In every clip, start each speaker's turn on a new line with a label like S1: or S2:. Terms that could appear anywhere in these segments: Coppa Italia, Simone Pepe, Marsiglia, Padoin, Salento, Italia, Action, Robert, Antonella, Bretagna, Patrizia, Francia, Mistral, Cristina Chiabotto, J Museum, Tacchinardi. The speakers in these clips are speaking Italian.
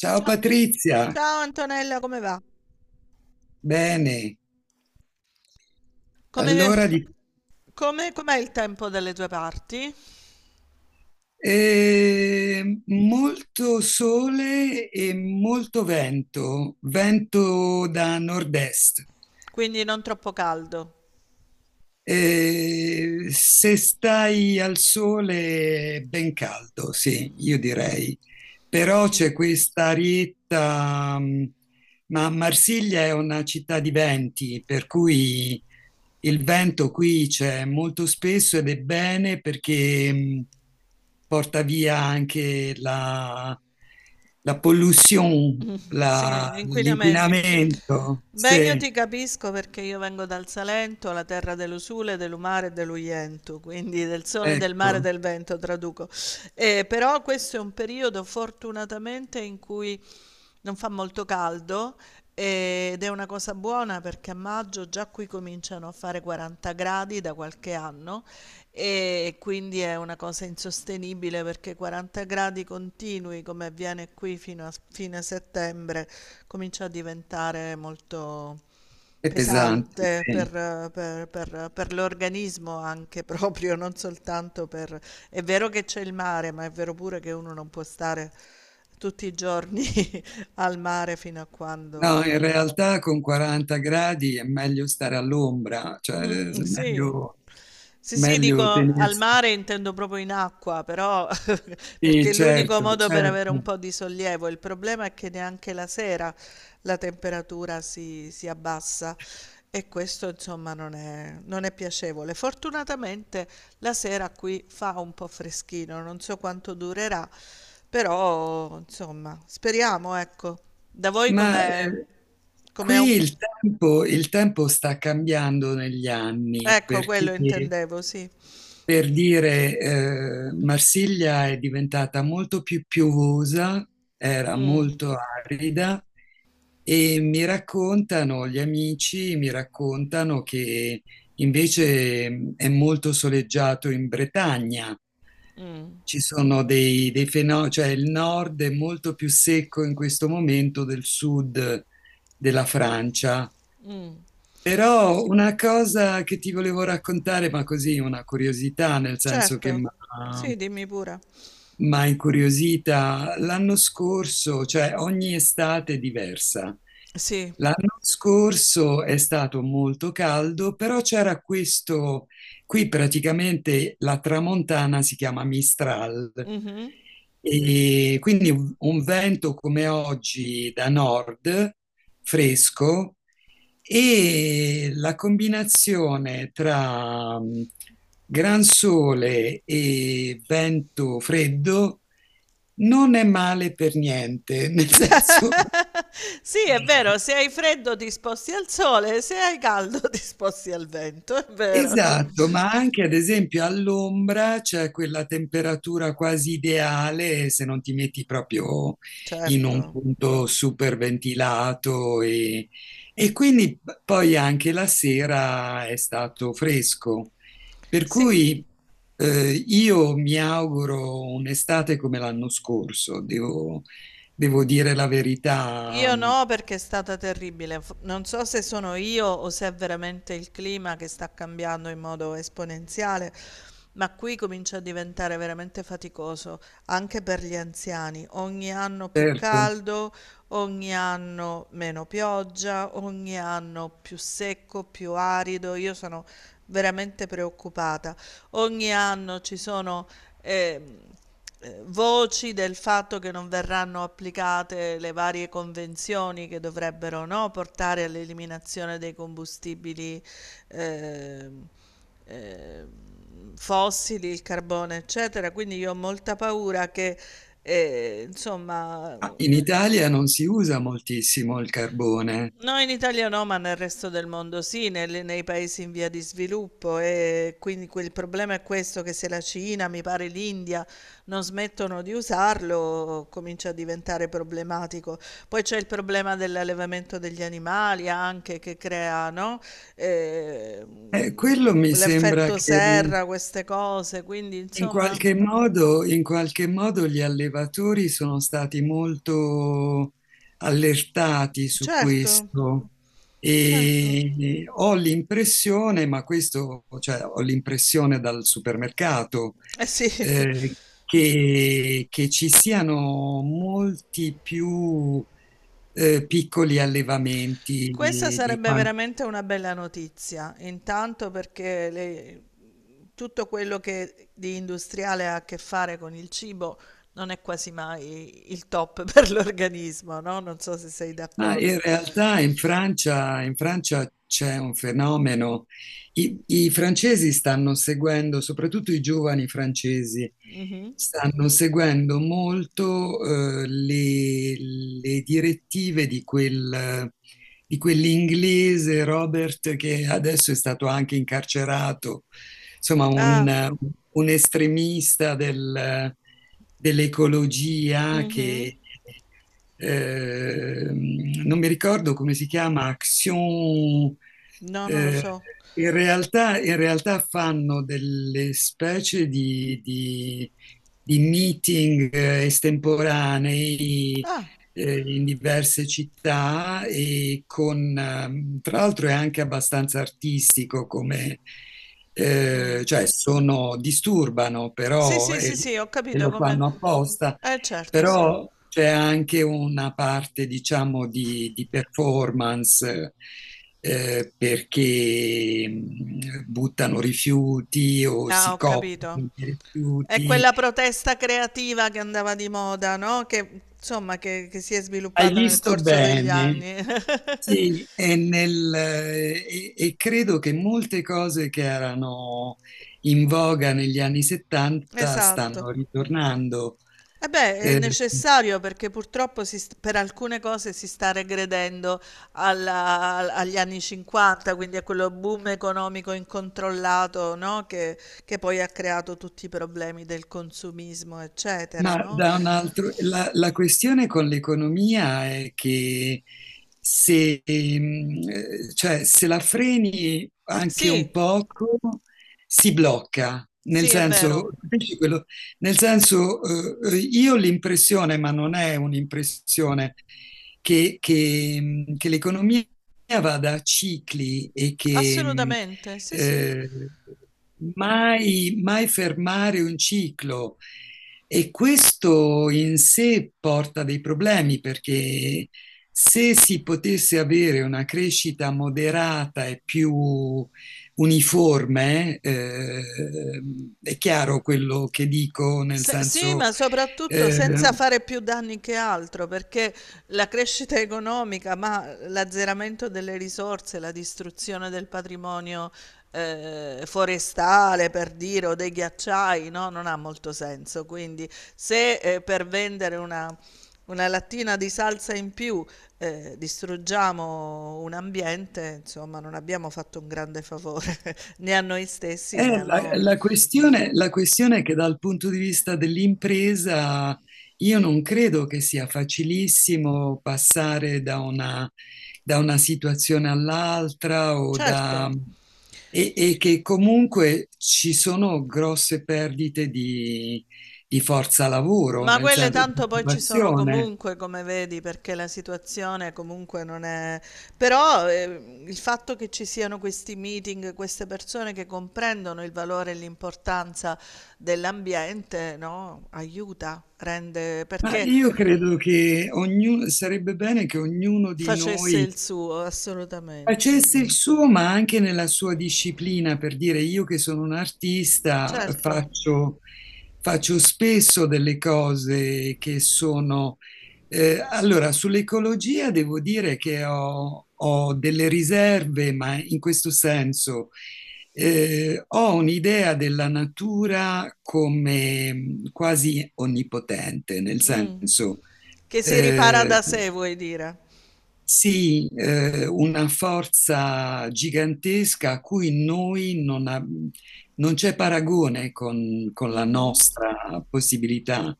S1: Ciao
S2: Ciao,
S1: Patrizia,
S2: ciao Antonella, come va?
S1: bene.
S2: Come,
S1: Allora, di-
S2: com'è il tempo dalle tue parti?
S1: Molto sole e molto vento, vento da nord-est.
S2: Quindi non troppo caldo.
S1: Se stai al sole è ben caldo, sì, io direi. Però c'è questa arietta, ma Marsiglia è una città di venti, per cui il vento qui c'è molto spesso ed è bene perché porta via anche la pollution,
S2: Sì, l'inquinamento.
S1: l'inquinamento.
S2: Beh, io
S1: Sì,
S2: ti capisco perché io vengo dal Salento, la terra dell'usule, dell'umare e dell'uientu, quindi del sole, del mare e
S1: ecco,
S2: del vento, traduco. Però questo è un periodo fortunatamente in cui non fa molto caldo, ed è una cosa buona perché a maggio già qui cominciano a fare 40 180 gradi da qualche anno e quindi è una cosa insostenibile perché 40 gradi continui come avviene qui fino a fine settembre comincia a diventare molto
S1: è pesante,
S2: pesante
S1: sì.
S2: per l'organismo anche proprio, non soltanto per. È vero che c'è il mare, ma è vero pure che uno non può stare tutti i giorni al mare fino a
S1: No,
S2: quando.
S1: in realtà con 40 gradi è meglio stare all'ombra,
S2: Sì. Sì, sì, dico
S1: meglio
S2: al
S1: tenersi.
S2: mare intendo proprio in acqua, però perché
S1: Sì,
S2: è l'unico
S1: certo,
S2: modo per avere un
S1: certo.
S2: po' di sollievo. Il problema è che neanche la sera la temperatura si abbassa e questo insomma non è piacevole. Fortunatamente la sera qui fa un po' freschino, non so quanto durerà, però insomma speriamo, ecco. Da voi
S1: Ma
S2: com'è?
S1: eh,
S2: Com'è
S1: Qui
S2: un
S1: il tempo sta cambiando negli anni.
S2: ecco
S1: Perché
S2: quello intendevo, sì.
S1: Per dire, Marsiglia è diventata molto più piovosa, era
S2: Mh.
S1: molto arida e mi raccontano gli mi raccontano che invece è molto soleggiato in Bretagna.
S2: Mh.
S1: Ci sono dei fenomeni, cioè il nord è molto più secco in questo momento del sud della Francia. Però una cosa che ti volevo raccontare, ma così una curiosità, nel senso che
S2: Certo.
S1: mi
S2: Sì, dimmi pure.
S1: ha incuriosita, l'anno scorso, cioè ogni estate è diversa.
S2: Sì.
S1: L'anno scorso è stato molto caldo, però c'era qui praticamente la tramontana si chiama Mistral,
S2: Mh-mh.
S1: e quindi un vento come oggi da nord fresco, e la combinazione tra gran sole e vento freddo non è male per niente, nel senso.
S2: Sì, è vero, se hai freddo ti sposti al sole, se hai caldo ti sposti al vento, è vero, cioè.
S1: Esatto, ma anche ad esempio all'ombra c'è quella temperatura quasi ideale se non ti metti proprio in un
S2: Certo.
S1: punto super ventilato e quindi poi anche la sera è stato fresco. Per
S2: Sì.
S1: cui io mi auguro un'estate come l'anno scorso, devo dire la verità,
S2: Io no, perché è stata terribile. Non so se sono io o se è veramente il clima che sta cambiando in modo esponenziale, ma qui comincia a diventare veramente faticoso anche per gli anziani. Ogni anno più
S1: certo.
S2: caldo, ogni anno meno pioggia, ogni anno più secco, più arido. Io sono veramente preoccupata. Ogni anno ci sono ehm, voci del fatto che non verranno applicate le varie convenzioni che dovrebbero, no, portare all'eliminazione dei combustibili ehm, ehm, fossili, il carbone, eccetera. Quindi io ho molta paura che, insomma.
S1: Ah, in Italia non si usa moltissimo il carbone.
S2: No, in Italia no, ma nel resto del mondo sì, nei paesi in via di sviluppo e quindi il problema è questo che se la Cina, mi pare l'India, non smettono di usarlo, comincia a diventare problematico. Poi c'è il problema dell'allevamento degli animali anche che crea, no? Eh,
S1: Quello mi sembra
S2: l'effetto
S1: che
S2: serra, queste cose, quindi insomma,
S1: in qualche modo gli allevatori sono stati molto allertati su
S2: certo,
S1: questo,
S2: certo.
S1: e ho l'impressione, ma ho l'impressione dal supermercato,
S2: Eh sì.
S1: eh, che ci siano molti più piccoli allevamenti
S2: Questa
S1: di...
S2: sarebbe veramente una bella notizia, intanto perché tutto quello che di industriale ha a che fare con il cibo non è quasi mai il top per l'organismo, no? Non so se sei
S1: Ma in
S2: d'accordo.
S1: realtà in in Francia c'è un fenomeno. I francesi stanno seguendo, soprattutto i giovani francesi,
S2: Mhm.
S1: stanno seguendo molto eh, le, le direttive di di quell'inglese Robert, che adesso è stato anche incarcerato, insomma
S2: Ah,
S1: un estremista dell'ecologia
S2: mhm.
S1: che eh, non mi ricordo come si chiama, Action.
S2: No, non lo
S1: eh,
S2: so.
S1: In realtà, in realtà fanno delle specie di meeting estemporanei,
S2: Ah,
S1: in diverse città e con, tra l'altro è anche abbastanza artistico come, cioè sono, disturbano
S2: sì, sì, sì, sì, ho
S1: e
S2: capito
S1: lo
S2: come.
S1: fanno apposta,
S2: Certo, sì.
S1: però c'è anche una parte, diciamo, di performance. Perché buttano rifiuti o
S2: Ah,
S1: si
S2: ho
S1: coprono
S2: capito.
S1: di
S2: È
S1: rifiuti.
S2: quella protesta creativa che andava di moda, no? Che insomma, che si è
S1: Hai
S2: sviluppata nel
S1: visto
S2: corso degli
S1: bene?
S2: anni.
S1: Sì, e credo che molte cose che erano in voga negli anni 70
S2: Esatto.
S1: stanno ritornando.
S2: E beh, è
S1: Eh,
S2: necessario perché purtroppo per alcune cose si sta regredendo agli anni 50, quindi a quello boom economico incontrollato, no? Che poi ha creato tutti i problemi del consumismo, eccetera,
S1: Ma
S2: no?
S1: da un altro, la questione con l'economia è che se, mm, cioè, se la freni anche un
S2: Sì,
S1: poco, si blocca. Nel
S2: sì, è vero,
S1: senso, capisci quello? Nel senso, io ho l'impressione, ma non è un'impressione, che l'economia vada a cicli e
S2: assolutamente, sì, sì.
S1: eh, mai, mai fermare un ciclo. E questo in sé porta dei problemi, perché se si potesse avere una crescita moderata e più uniforme, è chiaro quello che dico, nel
S2: Sì,
S1: senso
S2: ma soprattutto
S1: eh,
S2: senza fare più danni che altro, perché la crescita economica, ma l'azzeramento delle risorse, la distruzione del patrimonio forestale, per dire, o dei ghiacciai, no? Non ha molto senso. Quindi, se per vendere una lattina di salsa in più distruggiamo un ambiente, insomma, non abbiamo fatto un grande favore né a noi stessi né al mondo.
S1: La questione è che dal punto di vista dell'impresa io non credo che sia facilissimo passare da una situazione all'altra
S2: Certo.
S1: e che comunque ci sono grosse perdite di forza lavoro,
S2: Ma
S1: nel
S2: quelle
S1: senso di
S2: tanto poi ci sono
S1: occupazione.
S2: comunque, come vedi, perché la situazione comunque non è. Però il fatto che ci siano questi meeting, queste persone che comprendono il valore e l'importanza dell'ambiente, no? Aiuta, rende
S1: Ma
S2: perché
S1: io credo che sarebbe bene che ognuno di
S2: facesse
S1: noi
S2: il suo, assolutamente.
S1: facesse il suo, ma anche nella sua disciplina, per dire io che sono un artista,
S2: Certo.
S1: faccio spesso delle cose che sono... Allora, sull'ecologia devo dire che ho delle riserve, ma in questo senso ho un'idea della natura come quasi onnipotente, nel
S2: Mm.
S1: senso...
S2: Che si ripara
S1: eh,
S2: da sé, vuoi dire?
S1: sì, una forza gigantesca a cui noi non, ab- non c'è paragone con la
S2: Mhm,
S1: nostra possibilità.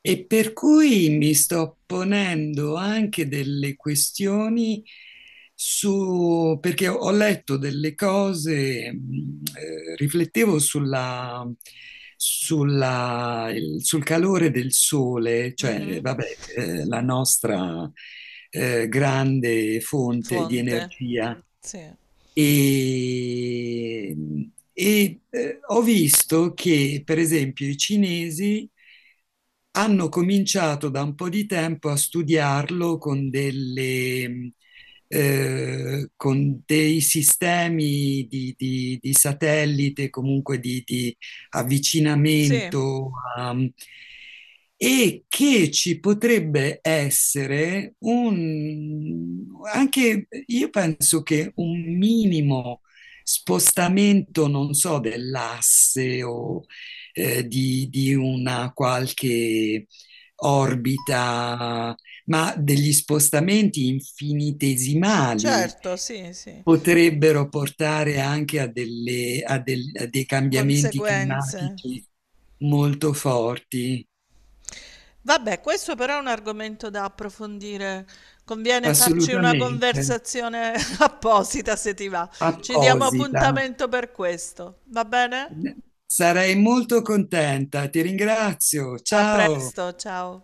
S1: E per cui mi sto ponendo anche delle questioni su, perché ho letto delle cose, riflettevo sulla, sul calore del sole, cioè,
S2: mhm.
S1: vabbè, la nostra grande fonte di
S2: Fonte.
S1: energia.
S2: Sì.
S1: E, Ho visto che, per esempio, i cinesi hanno cominciato da un po' di tempo a studiarlo con con dei sistemi di satellite, comunque di
S2: Sì,
S1: avvicinamento a- e che ci potrebbe essere anche io penso che un minimo spostamento, non so, dell'asse o di una qualche orbita, ma degli spostamenti infinitesimali
S2: certo, sì, sì.
S1: potrebbero portare anche a, delle- a del- a dei cambiamenti
S2: Conseguenze.
S1: climatici molto forti,
S2: Vabbè, questo però è un argomento da approfondire. Conviene farci una
S1: assolutamente,
S2: conversazione apposita se ti va. Ci diamo
S1: apposita.
S2: appuntamento per questo. Va bene?
S1: Sarei molto contenta, ti ringrazio,
S2: A
S1: ciao.
S2: presto, ciao.